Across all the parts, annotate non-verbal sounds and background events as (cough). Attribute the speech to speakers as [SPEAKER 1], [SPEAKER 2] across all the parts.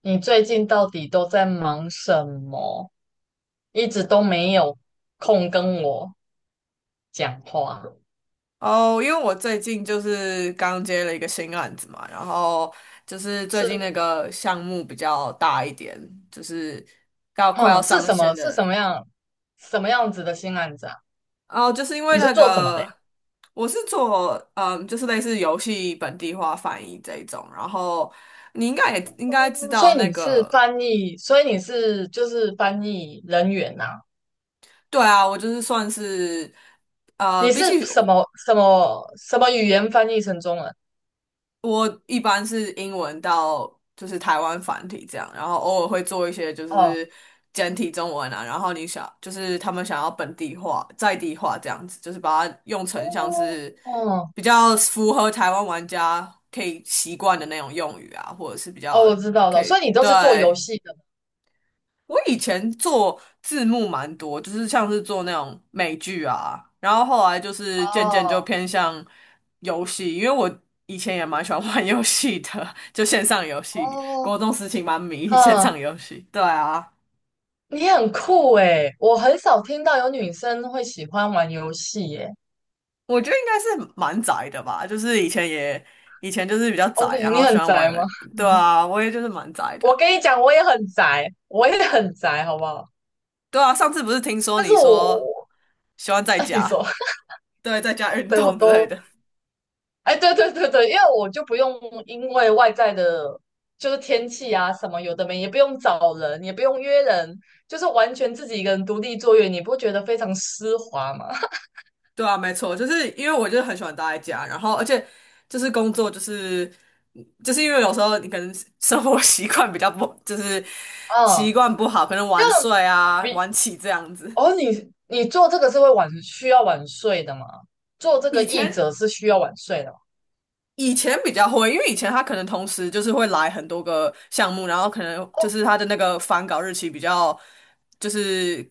[SPEAKER 1] 你最近到底都在忙什么？一直都没有空跟我讲话。
[SPEAKER 2] 哦，因为我最近就是刚接了一个新案子嘛，然后就是最近那
[SPEAKER 1] 是。
[SPEAKER 2] 个项目比较大一点，就是要快要
[SPEAKER 1] 哼，是
[SPEAKER 2] 上
[SPEAKER 1] 什么？
[SPEAKER 2] 线
[SPEAKER 1] 是什
[SPEAKER 2] 的。
[SPEAKER 1] 么样？什么样子的新案子啊？
[SPEAKER 2] 哦，就是因为
[SPEAKER 1] 你是
[SPEAKER 2] 那
[SPEAKER 1] 做什么的呀？
[SPEAKER 2] 个我是做就是类似游戏本地化翻译这一种，然后你应该知
[SPEAKER 1] 嗯，所
[SPEAKER 2] 道
[SPEAKER 1] 以
[SPEAKER 2] 那
[SPEAKER 1] 你是
[SPEAKER 2] 个。
[SPEAKER 1] 翻译，所以你是翻译人员呐、
[SPEAKER 2] 对啊，我就是算是
[SPEAKER 1] 你是
[SPEAKER 2] 比起
[SPEAKER 1] 什
[SPEAKER 2] 我
[SPEAKER 1] 么什么什么语言翻译成中文？
[SPEAKER 2] 我一般是英文到就是台湾繁体这样，然后偶尔会做一些就
[SPEAKER 1] 哦
[SPEAKER 2] 是简体中文啊，然后你想就是他们想要本地化、在地化这样子，就是把它用成像
[SPEAKER 1] 哦
[SPEAKER 2] 是
[SPEAKER 1] 哦
[SPEAKER 2] 比较符合台湾玩家可以习惯的那种用语啊，或者是比
[SPEAKER 1] 哦，
[SPEAKER 2] 较
[SPEAKER 1] 我知道
[SPEAKER 2] 可
[SPEAKER 1] 了，所
[SPEAKER 2] 以。
[SPEAKER 1] 以你都是做游
[SPEAKER 2] 对，
[SPEAKER 1] 戏的吗？
[SPEAKER 2] 我以前做字幕蛮多，就是像是做那种美剧啊，然后后来就是渐渐就
[SPEAKER 1] 哦
[SPEAKER 2] 偏向游戏，因为我以前也蛮喜欢玩游戏的，就线上游戏，国
[SPEAKER 1] 哦。
[SPEAKER 2] 中时期蛮迷线
[SPEAKER 1] 嗯，
[SPEAKER 2] 上游戏。对啊，
[SPEAKER 1] 你很酷诶，我很少听到有女生会喜欢玩游戏耶。
[SPEAKER 2] 我觉得应该是蛮宅的吧，就是以前就是比较
[SPEAKER 1] 哦，
[SPEAKER 2] 宅，
[SPEAKER 1] 对，
[SPEAKER 2] 然
[SPEAKER 1] 你
[SPEAKER 2] 后喜
[SPEAKER 1] 很
[SPEAKER 2] 欢
[SPEAKER 1] 宅吗？
[SPEAKER 2] 玩。对
[SPEAKER 1] (laughs)
[SPEAKER 2] 啊，我也就是蛮宅
[SPEAKER 1] 我
[SPEAKER 2] 的。
[SPEAKER 1] 跟你讲，我也很宅，我也很宅，好不好？
[SPEAKER 2] 对啊，上次不是听说
[SPEAKER 1] 但是
[SPEAKER 2] 你
[SPEAKER 1] 我，
[SPEAKER 2] 说
[SPEAKER 1] 我
[SPEAKER 2] 喜欢在
[SPEAKER 1] 哎，你说，
[SPEAKER 2] 家，
[SPEAKER 1] (laughs)
[SPEAKER 2] 对，在家运
[SPEAKER 1] 对，我
[SPEAKER 2] 动之类
[SPEAKER 1] 都，
[SPEAKER 2] 的。
[SPEAKER 1] 哎，对对对对，因为我就不用外在的，就是天气啊什么有的没，也不用找人，也不用约人，就是完全自己一个人独立作业，你不觉得非常丝滑吗？(laughs)
[SPEAKER 2] 对啊，没错，就是因为我就是很喜欢待在家，然后而且就是工作，就是就是因为有时候你可能生活 (laughs) 习惯比较不，就是习
[SPEAKER 1] 嗯。
[SPEAKER 2] 惯不好，可能晚睡啊、晚起这样子。
[SPEAKER 1] 哦，你做这个是会晚需要晚睡的吗？做这个
[SPEAKER 2] 以
[SPEAKER 1] 译
[SPEAKER 2] 前
[SPEAKER 1] 者是需要晚睡的吗？
[SPEAKER 2] 以前比较会，因为以前他可能同时就是会来很多个项目，然后可能就是他的那个返稿日期比较，就是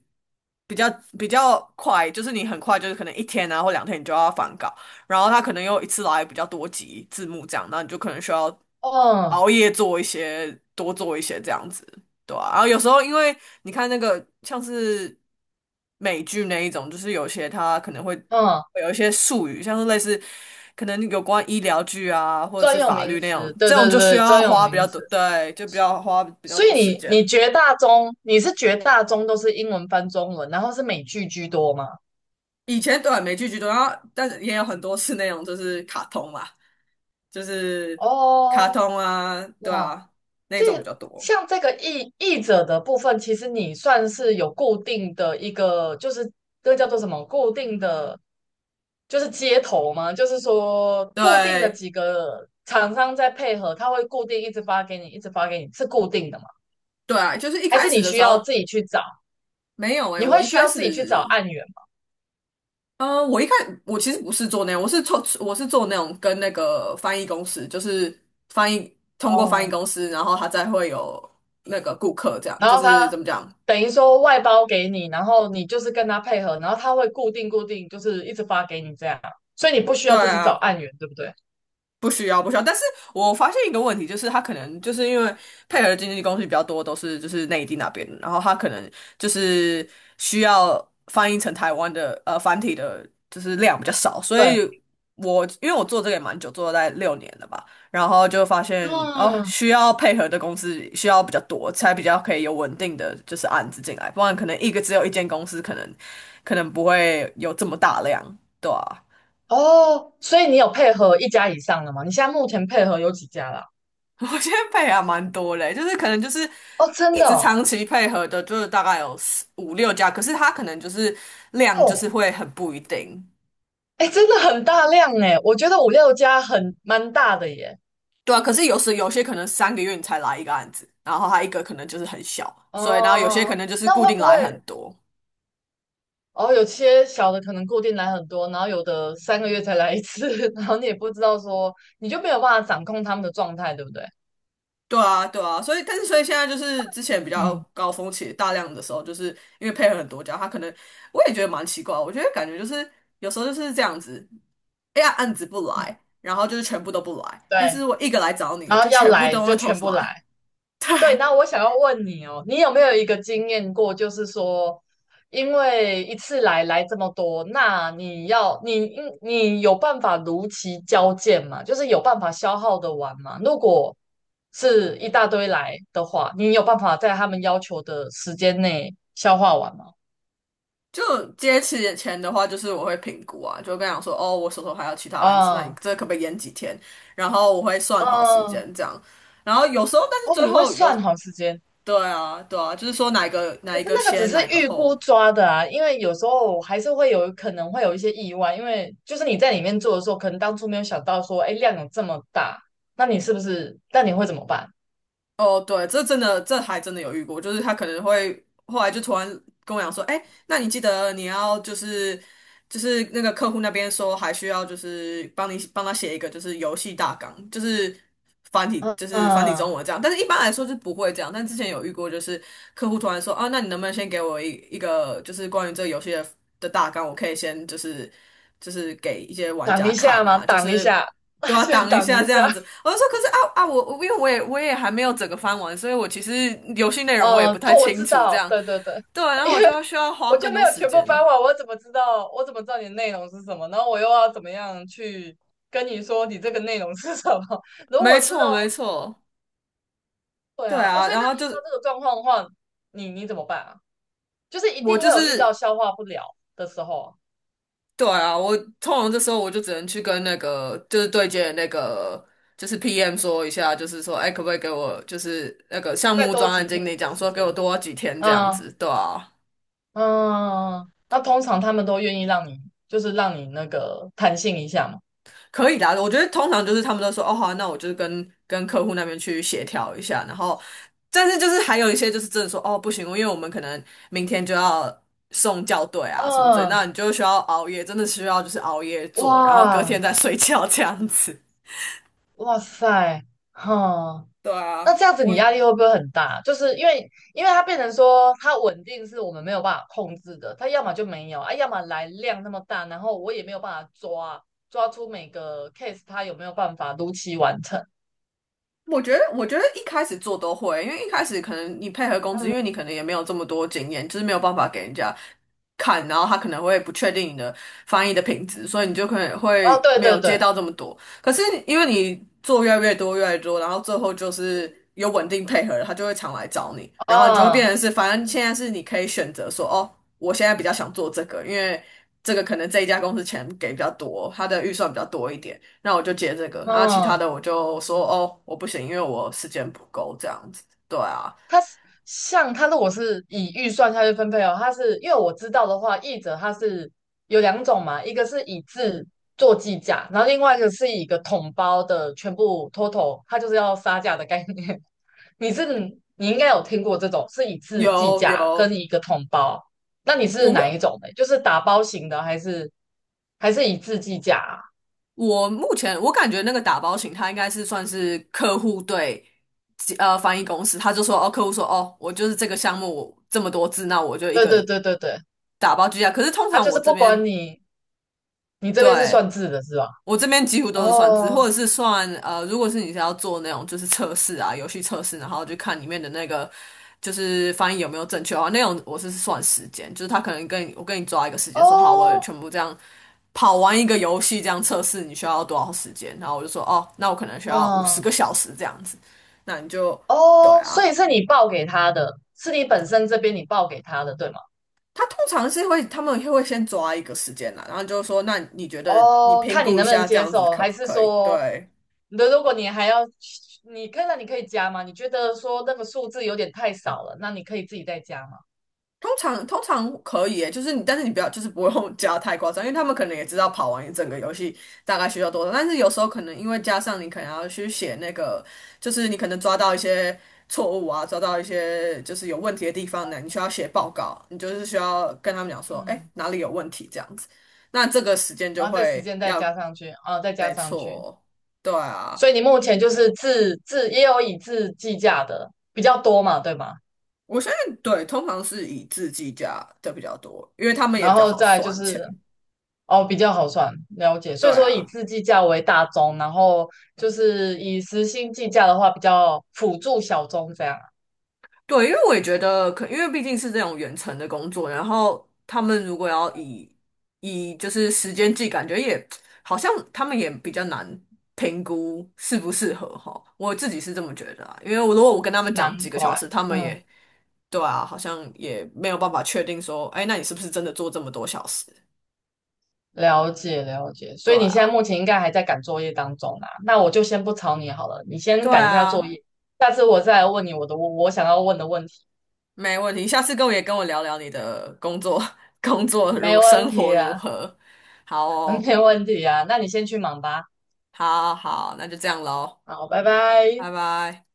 [SPEAKER 2] 比较比较快，就是你很快就是可能1天啊或2天你就要返稿，然后他可能又一次来比较多集字幕这样，那你就可能需要
[SPEAKER 1] 哦。
[SPEAKER 2] 熬夜做一些，多做一些这样子。对啊，然后有时候因为你看那个像是美剧那一种，就是有些它可能会
[SPEAKER 1] 嗯，
[SPEAKER 2] 会有一些术语，像是类似可能有关医疗剧啊，或者
[SPEAKER 1] 专
[SPEAKER 2] 是
[SPEAKER 1] 有
[SPEAKER 2] 法
[SPEAKER 1] 名
[SPEAKER 2] 律那样，
[SPEAKER 1] 词，对
[SPEAKER 2] 这
[SPEAKER 1] 对
[SPEAKER 2] 种
[SPEAKER 1] 对，
[SPEAKER 2] 就需
[SPEAKER 1] 对专
[SPEAKER 2] 要
[SPEAKER 1] 有
[SPEAKER 2] 花比
[SPEAKER 1] 名
[SPEAKER 2] 较多，
[SPEAKER 1] 词。
[SPEAKER 2] 对，就比较花比较
[SPEAKER 1] 所
[SPEAKER 2] 多
[SPEAKER 1] 以
[SPEAKER 2] 时
[SPEAKER 1] 你
[SPEAKER 2] 间。
[SPEAKER 1] 绝大中都是英文翻中文，然后是美剧居多吗？
[SPEAKER 2] 以前对啊美剧居多，然后但是也有很多是那种就是卡通嘛，就是卡
[SPEAKER 1] 哦。
[SPEAKER 2] 通啊，对
[SPEAKER 1] 哇，
[SPEAKER 2] 啊，那
[SPEAKER 1] 这
[SPEAKER 2] 种比较多。
[SPEAKER 1] 像这个译者的部分，其实你算是有固定的一个，就是这个叫做什么固定的接头吗？就是说固定的
[SPEAKER 2] 对
[SPEAKER 1] 几个厂商在配合，他会固定一直发给你，一直发给你，是固定的吗？
[SPEAKER 2] 对啊，就是一
[SPEAKER 1] 还
[SPEAKER 2] 开
[SPEAKER 1] 是你
[SPEAKER 2] 始的
[SPEAKER 1] 需
[SPEAKER 2] 时
[SPEAKER 1] 要
[SPEAKER 2] 候
[SPEAKER 1] 自己去找？
[SPEAKER 2] 没有哎，
[SPEAKER 1] 你
[SPEAKER 2] 我
[SPEAKER 1] 会
[SPEAKER 2] 一
[SPEAKER 1] 需
[SPEAKER 2] 开
[SPEAKER 1] 要自己去找
[SPEAKER 2] 始
[SPEAKER 1] 案源吗？
[SPEAKER 2] 呃，我一开我其实不是做那样，我是做那种跟那个翻译公司，就是翻译通过翻译
[SPEAKER 1] 哦，
[SPEAKER 2] 公司，然后他再会有那个顾客这样，
[SPEAKER 1] 然
[SPEAKER 2] 就
[SPEAKER 1] 后
[SPEAKER 2] 是
[SPEAKER 1] 他
[SPEAKER 2] 怎么讲？
[SPEAKER 1] 等于说外包给你，然后你就是跟他配合，然后他会固定，就是一直发给你这样，所以你不需
[SPEAKER 2] 对
[SPEAKER 1] 要自己找
[SPEAKER 2] 啊，
[SPEAKER 1] 案源，对不对？
[SPEAKER 2] 不需要，不需要。但是我发现一个问题，就是他可能就是因为配合的经纪公司比较多，都是就是内地那边的，然后他可能就是需要翻译成台湾的繁体的，就是量比较少。所
[SPEAKER 1] 对。
[SPEAKER 2] 以因为我做这个也蛮久，做了大概6年了吧，然后就发现哦，
[SPEAKER 1] 嗯，
[SPEAKER 2] 需要配合的公司需要比较多，才比较可以有稳定的就是案子进来，不然可能一个只有一间公司，可能不会有这么大量，对啊。
[SPEAKER 1] 哦，所以你有配合一家以上的吗？你现在目前配合有几家啦？
[SPEAKER 2] (laughs) 我现在配还蛮多嘞，就是可能就是
[SPEAKER 1] 哦，真
[SPEAKER 2] 一
[SPEAKER 1] 的
[SPEAKER 2] 直
[SPEAKER 1] 哦，
[SPEAKER 2] 长期配合的，就是大概有四五六家，可是他可能就是量就是
[SPEAKER 1] 哦，
[SPEAKER 2] 会很不一定。
[SPEAKER 1] 哎，真的很大量哎，我觉得五六家很蛮大的耶。
[SPEAKER 2] 对啊，可是有时有些可能3个月你才来一个案子，然后他一个可能就是很小，所以然后有些可
[SPEAKER 1] 哦，
[SPEAKER 2] 能就是
[SPEAKER 1] 那
[SPEAKER 2] 固
[SPEAKER 1] 会
[SPEAKER 2] 定
[SPEAKER 1] 不
[SPEAKER 2] 来很
[SPEAKER 1] 会
[SPEAKER 2] 多。
[SPEAKER 1] 哦？有些小的可能固定来很多，然后有的三个月才来一次，(laughs) 然后你也不知道说，你就没有办法掌控他们的状态，对不对？
[SPEAKER 2] 对啊，对啊，所以但是所以现在就是之前比较
[SPEAKER 1] 嗯
[SPEAKER 2] 高峰期大量的时候，就是因为配合很多家，他可能我也觉得蛮奇怪，我觉得感觉就是有时候就是这样子，哎呀案子不
[SPEAKER 1] 嗯，
[SPEAKER 2] 来，然后就是全部都不来，但
[SPEAKER 1] 对。
[SPEAKER 2] 是我一个来找你了，
[SPEAKER 1] 然
[SPEAKER 2] 就
[SPEAKER 1] 后要
[SPEAKER 2] 全部
[SPEAKER 1] 来
[SPEAKER 2] 都
[SPEAKER 1] 就
[SPEAKER 2] 会同
[SPEAKER 1] 全
[SPEAKER 2] 时
[SPEAKER 1] 部来，
[SPEAKER 2] 来。(laughs)
[SPEAKER 1] 对。
[SPEAKER 2] 对，
[SPEAKER 1] 那我想要问你哦，你有没有一个经验过，就是说，因为一次来这么多，那你要你应你有办法如期交件吗？就是有办法消耗的完吗？如果是一大堆来的话，你有办法在他们要求的时间内消化完吗？
[SPEAKER 2] 就接起眼前的话，就是我会评估啊，就跟他讲说，哦，我手头还有其他案子，那你
[SPEAKER 1] 啊。
[SPEAKER 2] 这可不可以延几天？然后我会算好时
[SPEAKER 1] 嗯，
[SPEAKER 2] 间这样，然后有时候但是
[SPEAKER 1] 哦，
[SPEAKER 2] 最
[SPEAKER 1] 你会
[SPEAKER 2] 后有。
[SPEAKER 1] 算好时间。
[SPEAKER 2] 对啊，对啊，就是说哪一个哪
[SPEAKER 1] 可
[SPEAKER 2] 一
[SPEAKER 1] 是
[SPEAKER 2] 个
[SPEAKER 1] 那个只
[SPEAKER 2] 先，
[SPEAKER 1] 是
[SPEAKER 2] 哪一个
[SPEAKER 1] 预
[SPEAKER 2] 后。
[SPEAKER 1] 估抓的啊，因为有时候还是会有可能会有一些意外，因为就是你在里面做的时候，可能当初没有想到说，哎，量有这么大，那你是不是？那你会怎么办？
[SPEAKER 2] 哦，对，这真的，这还真的有遇过，就是他可能会后来就突然跟我讲说，哎，那你记得你要就是那个客户那边说还需要就是帮他写一个就是游戏大纲，就是
[SPEAKER 1] 嗯
[SPEAKER 2] 繁体
[SPEAKER 1] 嗯，
[SPEAKER 2] 中文这样，但是一般来说是不会这样，但之前有遇过就是客户突然说啊，那你能不能先给我一个就是关于这个游戏的大纲，我可以先就是。就是给一些玩
[SPEAKER 1] 挡
[SPEAKER 2] 家
[SPEAKER 1] 一下
[SPEAKER 2] 看
[SPEAKER 1] 吗？
[SPEAKER 2] 啊，就
[SPEAKER 1] 挡一
[SPEAKER 2] 是
[SPEAKER 1] 下，
[SPEAKER 2] 都
[SPEAKER 1] (laughs)
[SPEAKER 2] 要
[SPEAKER 1] 先
[SPEAKER 2] 挡一
[SPEAKER 1] 挡
[SPEAKER 2] 下
[SPEAKER 1] 一
[SPEAKER 2] 这样子。
[SPEAKER 1] 下。
[SPEAKER 2] 我就说，可是啊，我因为我也还没有整个翻完，所以我其实游戏内容我也
[SPEAKER 1] 嗯，
[SPEAKER 2] 不太
[SPEAKER 1] 做我
[SPEAKER 2] 清
[SPEAKER 1] 知
[SPEAKER 2] 楚这
[SPEAKER 1] 道，
[SPEAKER 2] 样。
[SPEAKER 1] 对对对。
[SPEAKER 2] 对啊，
[SPEAKER 1] (laughs)
[SPEAKER 2] 然后
[SPEAKER 1] 因
[SPEAKER 2] 我就要
[SPEAKER 1] 为
[SPEAKER 2] 需要花
[SPEAKER 1] 我就
[SPEAKER 2] 更
[SPEAKER 1] 没
[SPEAKER 2] 多
[SPEAKER 1] 有
[SPEAKER 2] 时
[SPEAKER 1] 全部发
[SPEAKER 2] 间。
[SPEAKER 1] 完，我怎么知道？我怎么知道你的内容是什么？然后我又要怎么样去跟你说你这个内容是什么？(laughs) 如
[SPEAKER 2] 没
[SPEAKER 1] 果知
[SPEAKER 2] 错，
[SPEAKER 1] 道
[SPEAKER 2] 没错，
[SPEAKER 1] 对
[SPEAKER 2] 对
[SPEAKER 1] 啊。哦，
[SPEAKER 2] 啊，
[SPEAKER 1] 所以
[SPEAKER 2] 然
[SPEAKER 1] 那
[SPEAKER 2] 后
[SPEAKER 1] 你遇
[SPEAKER 2] 就
[SPEAKER 1] 到
[SPEAKER 2] 是
[SPEAKER 1] 这个状况的话，你你怎么办啊？就是一
[SPEAKER 2] 我
[SPEAKER 1] 定
[SPEAKER 2] 就
[SPEAKER 1] 会有遇到
[SPEAKER 2] 是
[SPEAKER 1] 消化不了的时候啊。
[SPEAKER 2] 对啊，我通常这时候我就只能去跟那个就是对接的那个就是 PM 说一下，就是说，哎，可不可以给我就是那个项
[SPEAKER 1] 再
[SPEAKER 2] 目
[SPEAKER 1] 多
[SPEAKER 2] 专
[SPEAKER 1] 几
[SPEAKER 2] 案
[SPEAKER 1] 天
[SPEAKER 2] 经理
[SPEAKER 1] 的
[SPEAKER 2] 讲
[SPEAKER 1] 时
[SPEAKER 2] 说给我
[SPEAKER 1] 间。
[SPEAKER 2] 多几天这样
[SPEAKER 1] 嗯
[SPEAKER 2] 子，对啊。
[SPEAKER 1] 嗯，那通常他们都愿意让你，就是让你那个弹性一下嘛。
[SPEAKER 2] 可以的啊，我觉得通常就是他们都说哦好啊，那我就是跟客户那边去协调一下，然后，但是就是还有一些就是真的说哦不行，因为我们可能明天就要送校对啊什么之类，
[SPEAKER 1] 嗯，
[SPEAKER 2] 那你就需要熬夜，真的需要就是熬夜做，然后隔
[SPEAKER 1] 哇，
[SPEAKER 2] 天再睡觉这样子。
[SPEAKER 1] 哇塞，哈、
[SPEAKER 2] 对
[SPEAKER 1] 那
[SPEAKER 2] 啊，
[SPEAKER 1] 这样子你压力会不会很大？就是因为，因为它变成说它稳定是我们没有办法控制的，它要么就没有啊，要么来量那么大，然后我也没有办法抓出每个 case 它有没有办法如期完成。
[SPEAKER 2] 我觉得一开始做都会，因为一开始可能你配合公司，因为
[SPEAKER 1] 嗯，
[SPEAKER 2] 你可能也没有这么多经验，就是没有办法给人家看，然后他可能会不确定你的翻译的品质，所以你就可能
[SPEAKER 1] 哦，
[SPEAKER 2] 会
[SPEAKER 1] 对
[SPEAKER 2] 没
[SPEAKER 1] 对
[SPEAKER 2] 有
[SPEAKER 1] 对，
[SPEAKER 2] 接到这么多。可是因为你做越来越多，越来越多，然后最后就是有稳定配合了，他就会常来找你，然后你就会变
[SPEAKER 1] 啊。
[SPEAKER 2] 成是，反正现在是你可以选择说，哦，我现在比较想做这个，因为这个可能这一家公司钱给比较多，他的预算比较多一点。那我就接这个，然后其他
[SPEAKER 1] 嗯，
[SPEAKER 2] 的我就说哦，我不行，因为我时间不够这样子。对啊，
[SPEAKER 1] 它是像它如果是以预算下去分配哦，它是因为我知道的话，译者它是有两种嘛，一个是以字做计价，然后另外一个是以一个统包的全部 total，它就是要杀价的概念。你是你应该有听过这种是以字计
[SPEAKER 2] 有
[SPEAKER 1] 价跟
[SPEAKER 2] 有，
[SPEAKER 1] 一个统包，那你是
[SPEAKER 2] 我目
[SPEAKER 1] 哪一种的？就是打包型的，还是以字计价啊？
[SPEAKER 2] 我目前我感觉那个打包型，他应该是算是客户对翻译公司，他就说哦，客户说哦，我就是这个项目我这么多字，那我就一
[SPEAKER 1] 对对
[SPEAKER 2] 个
[SPEAKER 1] 对对对，
[SPEAKER 2] 打包居下。可是通
[SPEAKER 1] 他
[SPEAKER 2] 常
[SPEAKER 1] 就
[SPEAKER 2] 我
[SPEAKER 1] 是
[SPEAKER 2] 这
[SPEAKER 1] 不
[SPEAKER 2] 边
[SPEAKER 1] 管你，你这边是
[SPEAKER 2] 对。
[SPEAKER 1] 算字的是吧？
[SPEAKER 2] 我这边几乎都是算字，或
[SPEAKER 1] 哦
[SPEAKER 2] 者是算，如果是你是要做那种就是测试啊，游戏测试，然后就看里面的那个就是翻译有没有正确的话，那种我是算时间，就是他可能我跟你抓一个时间，说好，我
[SPEAKER 1] 哦，
[SPEAKER 2] 全部这样跑完一个游戏这样测试，你需要多少时间？然后我就说哦，那我可能需要五十
[SPEAKER 1] 嗯，
[SPEAKER 2] 个小时这样子，那你就对
[SPEAKER 1] 哦，所
[SPEAKER 2] 啊。
[SPEAKER 1] 以是你报给他的，是你本身这边你报给他的，对吗？
[SPEAKER 2] 他通常是会，他们会先抓一个时间啦，然后就说，那你觉得你
[SPEAKER 1] 哦，
[SPEAKER 2] 评
[SPEAKER 1] 看你
[SPEAKER 2] 估一
[SPEAKER 1] 能不能
[SPEAKER 2] 下这
[SPEAKER 1] 接
[SPEAKER 2] 样子
[SPEAKER 1] 受，
[SPEAKER 2] 可
[SPEAKER 1] 还
[SPEAKER 2] 不
[SPEAKER 1] 是
[SPEAKER 2] 可以？
[SPEAKER 1] 说
[SPEAKER 2] 对，
[SPEAKER 1] 那如果你还要，你看到你可以加吗？你觉得说那个数字有点太少了，那你可以自己再加吗？
[SPEAKER 2] 通常可以耶，就是你，但是你不要，就是不用 (laughs) 加太夸张，因为他们可能也知道跑完一整个游戏大概需要多少，但是有时候可能因为加上你可能要去写那个，就是你可能抓到一些错误啊，抓到一些就是有问题的地方呢，你需要写报告，你就是需要跟他们讲说，哎，
[SPEAKER 1] 嗯，
[SPEAKER 2] 哪里有问题这样子，那这个时间就
[SPEAKER 1] 然后再时
[SPEAKER 2] 会
[SPEAKER 1] 间再
[SPEAKER 2] 要。
[SPEAKER 1] 加上去，啊，再加上去。
[SPEAKER 2] 对
[SPEAKER 1] 所
[SPEAKER 2] 啊，
[SPEAKER 1] 以你目前就是自也有以自计价的比较多嘛，对吗？
[SPEAKER 2] 我相信对，通常是以字计价的比较多，因为他们也
[SPEAKER 1] 然
[SPEAKER 2] 比较
[SPEAKER 1] 后
[SPEAKER 2] 好
[SPEAKER 1] 再就
[SPEAKER 2] 算钱，
[SPEAKER 1] 是哦，比较好算，了解。所
[SPEAKER 2] 对
[SPEAKER 1] 以说以
[SPEAKER 2] 啊。
[SPEAKER 1] 自计价为大宗，然后就是以时薪计价的话，比较辅助小宗这样啊。
[SPEAKER 2] 对，因为我也觉得可，因为毕竟是这种远程的工作，然后他们如果要以就是时间计，感觉也好像他们也比较难评估适不适合哈。我自己是这么觉得啊，因为我如果我跟他们
[SPEAKER 1] 难
[SPEAKER 2] 讲几个小
[SPEAKER 1] 怪。
[SPEAKER 2] 时，他们
[SPEAKER 1] 嗯。
[SPEAKER 2] 也对啊，好像也没有办法确定说，哎，那你是不是真的做这么多小时？
[SPEAKER 1] 了解了解，所
[SPEAKER 2] 对
[SPEAKER 1] 以你现在目
[SPEAKER 2] 啊，
[SPEAKER 1] 前应该还在赶作业当中啊，那我就先不吵你好了，你先
[SPEAKER 2] 对
[SPEAKER 1] 赶一下作
[SPEAKER 2] 啊，
[SPEAKER 1] 业，下次我再来问你我想要问的问题，
[SPEAKER 2] 没问题。下次跟我，也跟我聊聊你的工作，(laughs) 工作
[SPEAKER 1] 没
[SPEAKER 2] 如
[SPEAKER 1] 问
[SPEAKER 2] 生活
[SPEAKER 1] 题啊，
[SPEAKER 2] 如何？好
[SPEAKER 1] (laughs)
[SPEAKER 2] 哦。
[SPEAKER 1] 没问题啊，那你先去忙吧，
[SPEAKER 2] 好好，那就这样喽，
[SPEAKER 1] 好，拜拜。
[SPEAKER 2] 拜拜。